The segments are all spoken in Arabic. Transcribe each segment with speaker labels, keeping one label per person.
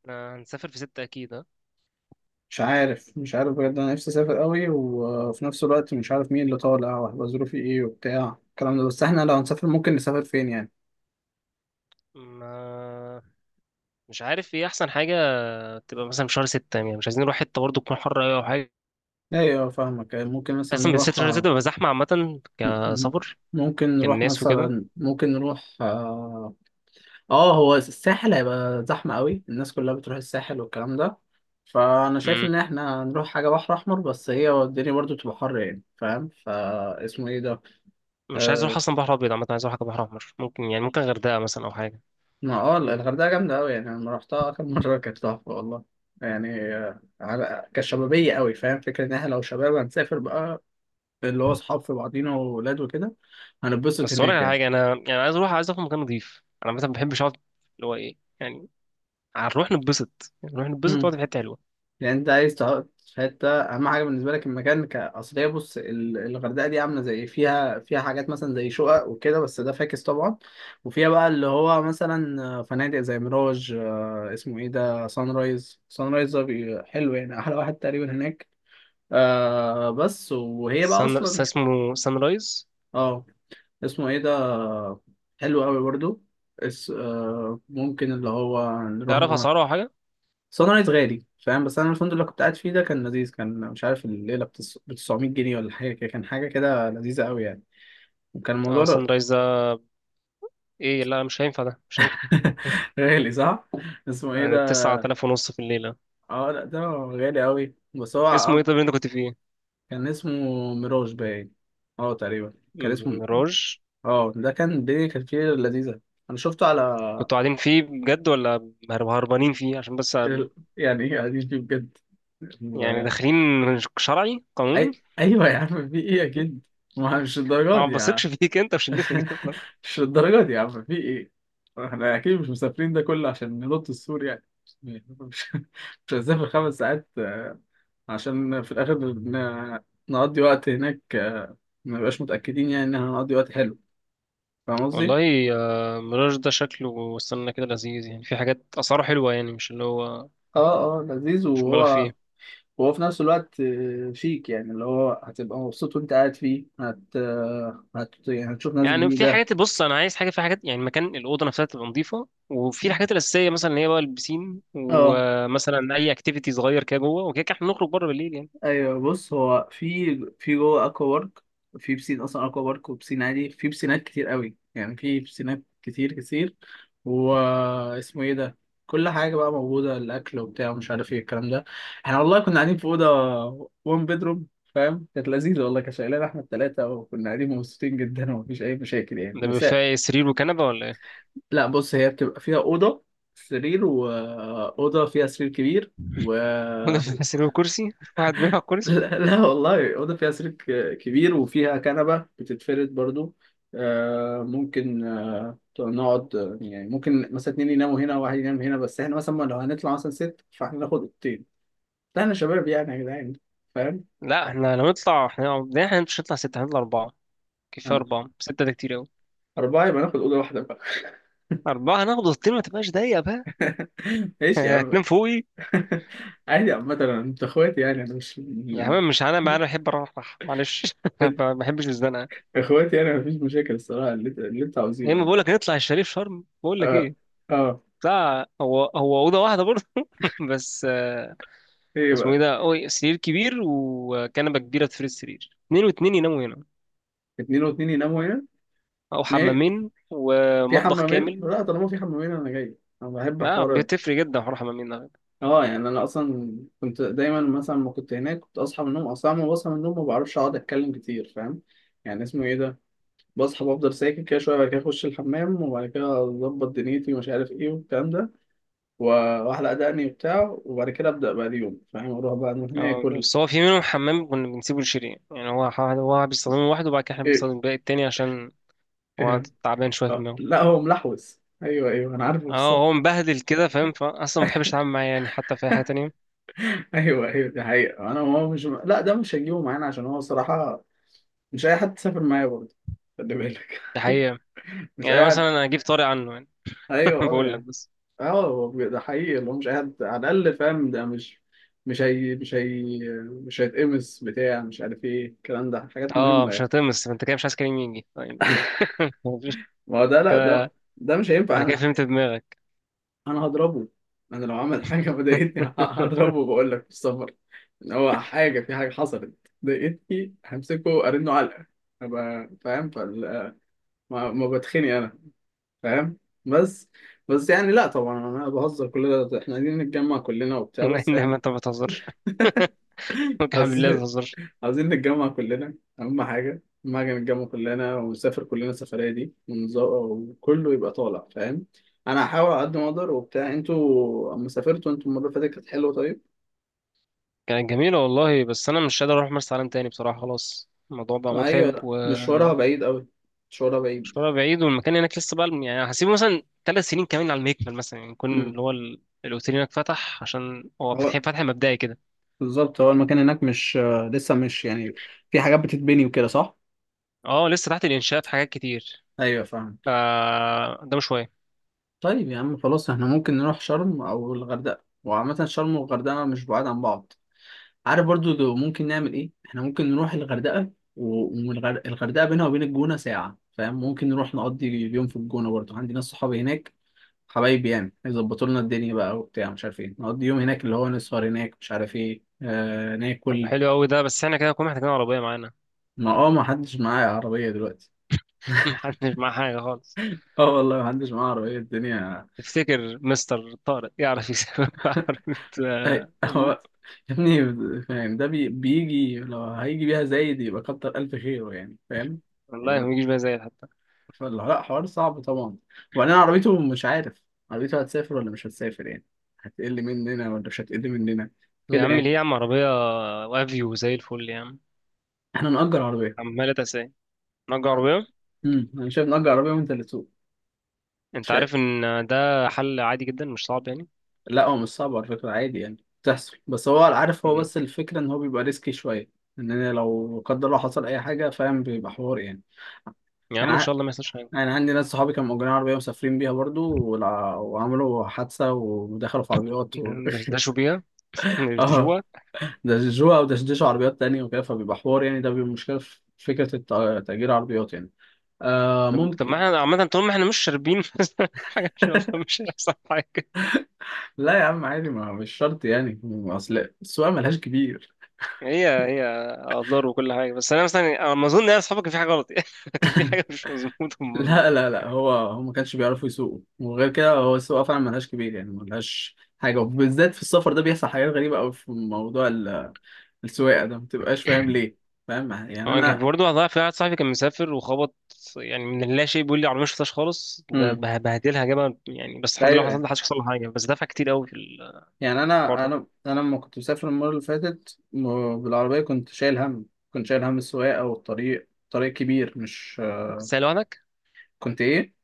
Speaker 1: احنا هنسافر في ستة أكيد ها.
Speaker 2: مش عارف بجد انا نفسي اسافر قوي، وفي نفس الوقت مش عارف مين اللي طالع وهيبقى ظروفي ايه وبتاع الكلام ده. بس احنا لو هنسافر ممكن نسافر فين يعني؟
Speaker 1: ما مش عارف ايه أحسن حاجة، تبقى مثلا في شهر 6، يعني مش عايزين نروح حتة برضه تكون حر أوي أو حاجة.
Speaker 2: ايوه فاهمك، أيوه، ممكن مثلا
Speaker 1: أصلا بالذات
Speaker 2: نروح
Speaker 1: شهر 6 بيبقى زحمة، عامة
Speaker 2: م-
Speaker 1: كسفر كالناس وكده.
Speaker 2: ممكن نروح، اه. آه، هو الساحل هيبقى زحمة قوي، الناس كلها بتروح الساحل والكلام ده. فانا شايف
Speaker 1: مم.
Speaker 2: ان احنا نروح حاجة بحر احمر، بس هي الدنيا برضو تبقى حر يعني، فاهم؟ فا اسمه ايه ده،
Speaker 1: مش عايز أروح
Speaker 2: آه،
Speaker 1: أصلا بحر أبيض، عامة عايز أروح حاجة بحر أحمر، ممكن يعني ممكن غردقة مثلا أو حاجة.
Speaker 2: ما اه، الغردقة جامدة أوي يعني. أنا لما رحتها آخر مرة كانت تحفة والله، يعني آه، على كشبابية أوي، فاهم فكرة إن إحنا لو شباب هنسافر بقى، اللي هو أصحاب في بعضينا وولاد وكده، هنتبسط
Speaker 1: بس أقول لك
Speaker 2: هناك
Speaker 1: على
Speaker 2: يعني.
Speaker 1: حاجة، أنا يعني عايز أروح، عايز أروح مكان نضيف، أنا مثلا ما بحبش أقعد اللي هو ايه يعني. هنروح نتبسط يعني، نروح نتبسط
Speaker 2: مم.
Speaker 1: ونقعد في حتة حلوة.
Speaker 2: يعني أنت عايز تقعد في حتة، أهم حاجة بالنسبة لك المكان كأصلية. بص، الغردقة دي عاملة زي فيها حاجات مثلا زي شقق وكده، بس ده فاكس طبعا. وفيها بقى اللي هو مثلا آه، فنادق زي ميراج، آه، اسمه إيه ده، سان رايز. سان رايز ده حلو يعني، أحلى واحد تقريبا هناك. آه، بس وهي بقى
Speaker 1: سان،
Speaker 2: اصلا،
Speaker 1: اسمه سان رايز.
Speaker 2: اه، اسمه ايه ده، حلو قوي برضو. اس، آه، ممكن اللي هو نروح
Speaker 1: تعرف
Speaker 2: نقعد.
Speaker 1: أسعاره أو حاجة؟
Speaker 2: صن رايز غالي، فاهم؟ بس انا الفندق اللي كنت قاعد فيه ده كان لذيذ، كان مش عارف الليله ب 900 جنيه ولا حاجه كده، كان حاجه كده لذيذه قوي يعني. وكان الموضوع
Speaker 1: اه سان
Speaker 2: ده.
Speaker 1: رايز ده؟ ايه، لا مش هينفع ده، مش هينفع.
Speaker 2: غالي صح؟ اسمه ايه ده،
Speaker 1: يعني 9500 في الليلة.
Speaker 2: اه لا، ده غالي قوي، بس هو
Speaker 1: اسمه ايه
Speaker 2: آه،
Speaker 1: طب اللي انت كنت فيه؟
Speaker 2: كان اسمه ميراج باين، اه تقريبا. كان اسمه،
Speaker 1: ميراج.
Speaker 2: اه، ده كان الدنيا كانت فيه لذيذه. انا شفته على
Speaker 1: كنتوا قاعدين فيه بجد ولا هربانين فيه عشان بس؟
Speaker 2: ال- يعني ايه قاعدين فيه بجد
Speaker 1: يعني
Speaker 2: و...
Speaker 1: داخلين شرعي قانوني؟
Speaker 2: ايوه يا عم في ايه اكيد، ما مش الدرجات
Speaker 1: انا ما
Speaker 2: دي يا عم.
Speaker 1: بثقش فيك انت في شلتك دي والله.
Speaker 2: مش الدرجات دي يا عم، في ايه، احنا اكيد مش مسافرين ده كله عشان ننط السور يعني. مش مش هنسافر خمس ساعات آه، عشان في الاخر نقضي وقت هناك، آه، ما نبقاش متأكدين يعني ان احنا هنقضي وقت حلو، فاهم قصدي؟
Speaker 1: والله آه، ميراج ده شكله استنى كده لذيذ يعني، في حاجات اسعاره حلوه يعني، مش اللي هو
Speaker 2: اه لذيذ،
Speaker 1: مش مبالغ
Speaker 2: وهو
Speaker 1: فيه.
Speaker 2: وهو في نفس الوقت آه، شيك، يعني اللي هو هتبقى مبسوط وانت قاعد فيه، آه، يعني هتشوف ناس
Speaker 1: يعني في
Speaker 2: جديدة.
Speaker 1: حاجات، بص انا عايز حاجه، في حاجات يعني مكان الاوضه نفسها تبقى نظيفه، وفي الحاجات الاساسيه مثلا اللي هي بقى البسين،
Speaker 2: اه
Speaker 1: ومثلا اي اكتيفيتي صغير كده جوه، وكده كده احنا نخرج بره بالليل يعني.
Speaker 2: ايوه، بص هو في في جوه اكوا بارك، في بسين اصلا اكوا بارك وبسين عادي، في بسينات كتير قوي يعني، في بسينات كتير كتير. واسمه ايه ده، كل حاجه بقى موجوده، الاكل وبتاع ومش عارف ايه الكلام ده. احنا والله كنا قاعدين في اوضه وان بيدروم، فاهم؟ كانت لذيذه والله، كانت شايلانا احنا الثلاثه، وكنا قاعدين مبسوطين جدا ومفيش اي مشاكل يعني،
Speaker 1: ده بيبقى
Speaker 2: بس.
Speaker 1: فيها ايه، سرير وكنبة ولا ايه؟
Speaker 2: لا بص، هي بتبقى فيها أوضة، سرير وأوضة فيها سرير كبير و
Speaker 1: وده فيها سرير وكرسي؟ واحد بيلعب كرسي؟
Speaker 2: لا, لا والله، أوضة فيها سرير كبير وفيها كنبة بتتفرد برضو. آه، ممكن آه، نقعد آه، يعني ممكن مثلا اتنين يناموا هنا وواحد ينام هنا، بس احنا مثلا لو هنطلع مثلا ست، فاحنا ناخد اوضتين. لا احنا شباب يعني يا جدعان، فاهم.
Speaker 1: لا احنا لو نطلع، لا، احنا مش هنطلع ستة، هنطلع أربعة. كفاية
Speaker 2: أنا
Speaker 1: أربعة، ستة ده كتير أوي.
Speaker 2: أربعة يبقى ناخد أوضة واحدة بقى.
Speaker 1: أربعة هناخد الطين ما تبقاش ضيقة بقى.
Speaker 2: ماشي يا عم.
Speaker 1: هتنام فوقي.
Speaker 2: عادي عامة، أنت إخواتي يعني، أنا مش
Speaker 1: يا عم مش أنا بقى، أنا بحب أروح، معلش ما بحبش الزنقة.
Speaker 2: اخواتي انا، مفيش مشاكل الصراحه، اللي, انت اللي انت
Speaker 1: يا إما
Speaker 2: عاوزينه.
Speaker 1: بقول لك نطلع الشريف شرم، بقول لك
Speaker 2: اه،
Speaker 1: إيه
Speaker 2: اه.
Speaker 1: بتاع، هو هو أوضة واحدة برضه، بس آه،
Speaker 2: ايه
Speaker 1: اسمه إيه
Speaker 2: بقى؟
Speaker 1: ده أوي، سرير كبير وكنبة كبيرة تفرد السرير، اتنين واتنين يناموا هنا،
Speaker 2: اتنين واتنين يناموا هنا.
Speaker 1: أو
Speaker 2: ما
Speaker 1: حمامين
Speaker 2: في
Speaker 1: ومطبخ
Speaker 2: حمامين؟ لا
Speaker 1: كامل.
Speaker 2: طالما في حمامين انا جاي، انا بحب
Speaker 1: لا
Speaker 2: حوار
Speaker 1: بتفرق جدا حوار حمامين ده.
Speaker 2: اه. يعني انا اصلا كنت دايما مثلا ما كنت هناك، كنت اصحى من النوم، اصلا ما بصحى من النوم ما بعرفش اقعد اتكلم كتير، فاهم يعني، اسمه ايه ده، بصحى بفضل ساكت كده شويه، بعد كده اخش الحمام، وبعد كده اظبط دنيتي ومش عارف ايه والكلام ده، و- واحلق دقني وبتاع، وبعد كده ابدا بقى اليوم، فاهم، اروح بقى من هنا
Speaker 1: اه
Speaker 2: اكل.
Speaker 1: بس هو في منهم حمام كنا بنسيبه لشيرين يعني، هو هو بيستخدمه لوحده، وبعد كده احنا
Speaker 2: ايه؟
Speaker 1: بنستخدم الباقي التاني، عشان هو تعبان شوية في
Speaker 2: آه،
Speaker 1: دماغه.
Speaker 2: لا هو ملحوس، ايوه ايوه انا عارفه في
Speaker 1: اه
Speaker 2: الصف.
Speaker 1: هو مبهدل كده فاهم، فأصلا ما بحبش أتعامل معاه يعني حتى في أي حاجة تانية.
Speaker 2: ايوه ايوه دي حقيقه، انا هو مش، لا ده مش هنجيبه معانا عشان هو صراحه مش اي حد تسافر معايا برضه، خلي بالك.
Speaker 1: دي حقيقة.
Speaker 2: مش
Speaker 1: يعني
Speaker 2: اي
Speaker 1: مثلا
Speaker 2: حد.
Speaker 1: أنا أجيب طارق عنه يعني،
Speaker 2: ايوه اه
Speaker 1: بقول لك
Speaker 2: يعني.
Speaker 1: بس.
Speaker 2: اه هو ده حقيقي، اللي هو مش اي حد على الاقل، فاهم، ده مش، مش هي مش هيتقمص بتاع مش عارف ايه الكلام ده، حاجات
Speaker 1: اه
Speaker 2: مهمه
Speaker 1: مش
Speaker 2: يعني.
Speaker 1: هتمس، فأنت كده مش عايز كريم يجي طيب؟ مفيش-
Speaker 2: ما هو ده، لا ده،
Speaker 1: كده،
Speaker 2: ده مش هينفع.
Speaker 1: أنا كده
Speaker 2: انا
Speaker 1: فهمت دماغك.
Speaker 2: انا هضربه، انا لو عمل حاجه مضايقتني هضربه، بقول لك في السفر ان هو حاجه، في حاجه حصلت ضايقتني همسكه ارنه علقه، ابقى فاهم. ما بتخني انا، فاهم، بس. بس يعني لا طبعا، انا بهزر، كل ده احنا عايزين نتجمع كلنا وبتاع،
Speaker 1: لا
Speaker 2: بس
Speaker 1: إنما
Speaker 2: يعني.
Speaker 1: أنت ما بتهزرش، ممكن بالله ما
Speaker 2: عايزين
Speaker 1: تهزرش.
Speaker 2: عايزين نتجمع كلنا، اهم حاجه اهم حاجه نتجمع كلنا ونسافر كلنا السفريه دي، وكله يبقى طالع، فاهم. انا هحاول على قد ما اقدر وبتاع. انتوا اما سافرتوا انتوا المره اللي فاتت كانت حلوه طيب.
Speaker 1: كانت جميلة والله، بس أنا مش قادر أروح مرسى علم تاني بصراحة، خلاص الموضوع بقى متعب
Speaker 2: ايوه مشوارها
Speaker 1: ومشوارها
Speaker 2: بعيد قوي، مشوارها بعيد.
Speaker 1: بعيد، والمكان هناك لسه بقى يعني، هسيبه مثلا 3 سنين كمان على المكمل مثلا، يعني يكون
Speaker 2: امم
Speaker 1: اللي هو الأوتيل هناك فتح، عشان هو
Speaker 2: هو
Speaker 1: فتح فتح مبدئي كده.
Speaker 2: بالظبط، هو المكان هناك مش آه، لسه مش يعني، في حاجات بتتبني وكده، صح؟
Speaker 1: اه لسه تحت الإنشاء في حاجات كتير.
Speaker 2: ايوه فاهم.
Speaker 1: ف قدامه شوية.
Speaker 2: طيب يا عم خلاص، احنا ممكن نروح شرم او الغردقه، وعامه شرم والغردقه مش بعاد عن بعض، عارف برضو. ممكن نعمل ايه، احنا ممكن نروح الغردقه، والغردقه بينها وبين الجونه ساعه، فاهم، ممكن نروح نقضي اليوم في الجونه برضو، عندي ناس صحابي هناك حبايبي يعني، يظبطوا لنا الدنيا بقى وبتاع مش عارف ايه، نقضي يوم هناك اللي هو نسهر هناك مش عارف ايه، آه
Speaker 1: طب
Speaker 2: ناكل.
Speaker 1: حلو أوي ده، بس احنا كده كنا محتاجين عربية معانا.
Speaker 2: ما اه، ما حدش معايا عربية دلوقتي.
Speaker 1: محدش معاه حاجة خالص.
Speaker 2: اه والله ما حدش معاه عربية الدنيا.
Speaker 1: تفتكر مستر طارق يعرف يسافر عربية آه،
Speaker 2: هو
Speaker 1: أبوه؟
Speaker 2: يا ابني، فاهم ده بيجي، لو هيجي بيها زايد يبقى كتر ألف خيره يعني، فاهم.
Speaker 1: والله ما يجيش بقى زي حتى.
Speaker 2: فلا لا، حوار صعب طبعا، وبعدين عربيته مش عارف عربيته هتسافر ولا مش هتسافر يعني، هتقل مننا ولا مش هتقل مننا،
Speaker 1: يا
Speaker 2: كده
Speaker 1: عم ليه
Speaker 2: يعني.
Speaker 1: يا عم، عربية وافيو زي الفل يا عم،
Speaker 2: احنا نأجر عربية.
Speaker 1: عمالة أساسية، نجار عربية.
Speaker 2: انا شايف نأجر عربية وانت اللي تسوق.
Speaker 1: أنت
Speaker 2: شيء،
Speaker 1: عارف إن ده حل عادي جدا مش صعب يعني.
Speaker 2: لا هو مش صعب على فكرة عادي يعني، بتحصل، بس هو عارف، هو
Speaker 1: مم.
Speaker 2: بس الفكرة ان هو بيبقى ريسكي شوية، ان انا لو لا قدر الله حصل اي حاجة فاهم، بيبقى حوار يعني.
Speaker 1: يا عم
Speaker 2: يعني
Speaker 1: إن شاء
Speaker 2: ع-
Speaker 1: الله ما يحصلش حاجة.
Speaker 2: يعني عندي ناس صحابي كانوا مأجرين عربية مسافرين بيها برضو وعملوا حادثة ودخلوا في عربيات
Speaker 1: دشوا بيها،
Speaker 2: اه،
Speaker 1: دشوا.
Speaker 2: دشجوها ودشدشوا عربيات تانية وكده، فبيبقى حوار يعني، ده بيبقى مشكلة في فكرة تأجير عربيات يعني. آه
Speaker 1: طب طب ما
Speaker 2: ممكن.
Speaker 1: إحنا عامة طول ما إحنا مش شاربين حاجة، إن شاء الله مش هيحصل حاجة.
Speaker 2: لا يا عم عادي، ما مش شرط يعني، اصل السواقة ملهاش كبير.
Speaker 1: هي هي أضرار وكل حاجة، بس أنا مثلا، أنا ما أظن إن أنا أصحابك كان في حاجة غلط يعني، كان في حاجة مش مظبوطة في الموضوع.
Speaker 2: لا لا لا، هو هو ما كانش بيعرفوا يسوقوا، وغير كده هو السواقه فعلا ملهاش كبير يعني، ملهاش حاجه، وبالذات في السفر ده بيحصل حاجات غريبه قوي في موضوع السواقه ده، ما بتبقاش فاهم ليه، فاهم يعني
Speaker 1: هو كان في
Speaker 2: انا.
Speaker 1: برضه في واحد صاحبي كان مسافر وخبط، يعني من لا شيء، بيقول لي عربية مش فتاش خالص، ده
Speaker 2: امم
Speaker 1: بهدلها جابها يعني، بس الحمد لله
Speaker 2: ايوه يعني.
Speaker 1: ما حدش حصل له حاجة، بس دفع كتير قوي في الحوار
Speaker 2: يعني انا
Speaker 1: ده.
Speaker 2: انا لما كنت مسافر المره اللي فاتت بالعربيه كنت شايل هم، كنت شايل هم السواقه، والطريق طريق كبير مش،
Speaker 1: كنت سايق لوحدك؟
Speaker 2: كنت ايه،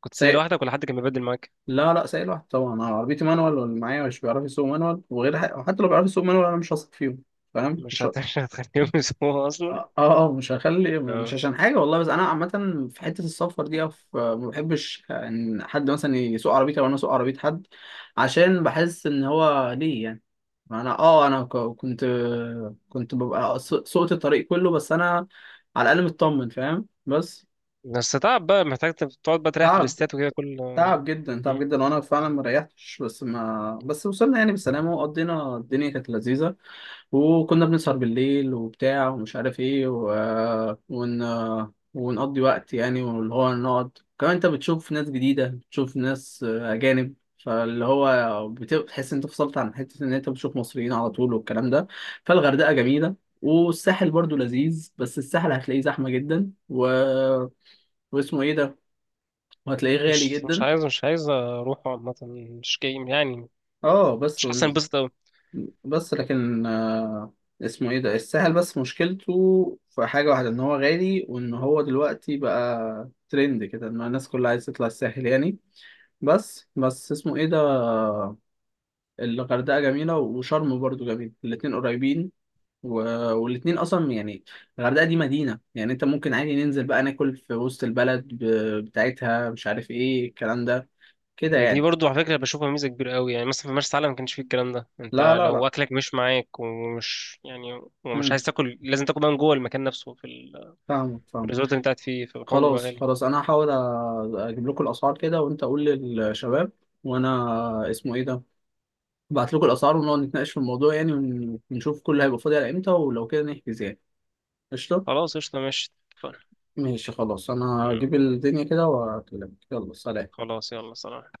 Speaker 1: كنت سايق
Speaker 2: سايق،
Speaker 1: لوحدك ولا حد كان بيبدل معاك؟
Speaker 2: لا لا سايق لوحدي طبعا، انا عربيتي مانوال واللي معايا مش بيعرف يسوق مانوال، وغير وحتى لو بيعرف يسوق مانوال انا مش هثق فيهم، فاهم
Speaker 1: مش
Speaker 2: مش،
Speaker 1: هت- مش هتخليهم يسمعوها اصلا.
Speaker 2: اه اه آه، مش هخلي، مش
Speaker 1: اه
Speaker 2: عشان حاجه والله، بس انا عامه في حته السفر دي ما بحبش ان حد مثلا يسوق عربيتي او انا اسوق عربيه حد، عشان بحس ان هو ليه يعني. ما انا اه، انا كنت ببقى سوقت الطريق كله، بس انا على الاقل مطمن، فاهم، بس
Speaker 1: بس تعب بقى، محتاج تقعد بقى تريح في
Speaker 2: تعب،
Speaker 1: الريستات وكده كل.
Speaker 2: تعب جدا تعب
Speaker 1: مم.
Speaker 2: جدا، وانا فعلا ما ريحتش، بس ما بس وصلنا يعني بالسلامه، وقضينا الدنيا كانت لذيذه، وكنا بنسهر بالليل وبتاع ومش عارف ايه ون... ونقضي وقت يعني، واللي هو نقعد، كمان انت بتشوف ناس جديدة بتشوف ناس أجانب، فاللي هو بتحس انت فصلت عن حتة، ان انت بتشوف مصريين على طول والكلام ده. فالغردقة جميلة، والساحل برضو لذيذ، بس الساحل هتلاقيه زحمة جدا واسمه ايه ده، وهتلاقيه غالي
Speaker 1: مش مش
Speaker 2: جدا.
Speaker 1: عايز، مش عايز اروح عامه، مش جاي يعني،
Speaker 2: اه بس،
Speaker 1: مش حاسس انبسط قوي.
Speaker 2: بس لكن آه، اسمه ايه ده، الساحل بس مشكلته في حاجة واحدة ان هو غالي، وان هو دلوقتي بقى ترند كده ان الناس كلها عايزة تطلع الساحل يعني. بس بس اسمه ايه ده، الغردقة جميلة، وشرم برضو جميل، الاتنين قريبين و... والاتنين اصلا يعني، الغردقة دي مدينة يعني، انت ممكن عادي ننزل بقى ناكل في وسط البلد بتاعتها، مش عارف ايه الكلام ده، كده
Speaker 1: دي
Speaker 2: يعني.
Speaker 1: برضو على فكره بشوفها ميزه كبيره قوي، يعني مثلا في مرسى علم ما كانش فيه الكلام ده،
Speaker 2: لا
Speaker 1: انت
Speaker 2: لا لا،
Speaker 1: لو اكلك مش معاك، ومش يعني ومش
Speaker 2: امم
Speaker 1: عايز تاكل، لازم تاكل بقى من جوه المكان نفسه،
Speaker 2: فاهمك
Speaker 1: في
Speaker 2: فاهمك.
Speaker 1: الريزورت اللي انت قاعد فيه، فالحوار بيبقى
Speaker 2: خلاص
Speaker 1: غالي.
Speaker 2: خلاص، انا هحاول اجيب لكم الاسعار كده، وانت قول للشباب، وانا اسمه ايه ده، ابعت لكم الاسعار ونقعد نتناقش في الموضوع يعني، ونشوف كل هيبقى فاضي على امتى ولو كده نحجز يعني. قشطه.
Speaker 1: خلاص قشطه ماشي اتفقنا.
Speaker 2: ماشي خلاص، انا هجيب
Speaker 1: آه.
Speaker 2: الدنيا كده واكلمك، يلا سلام.
Speaker 1: خلاص يلا سلام.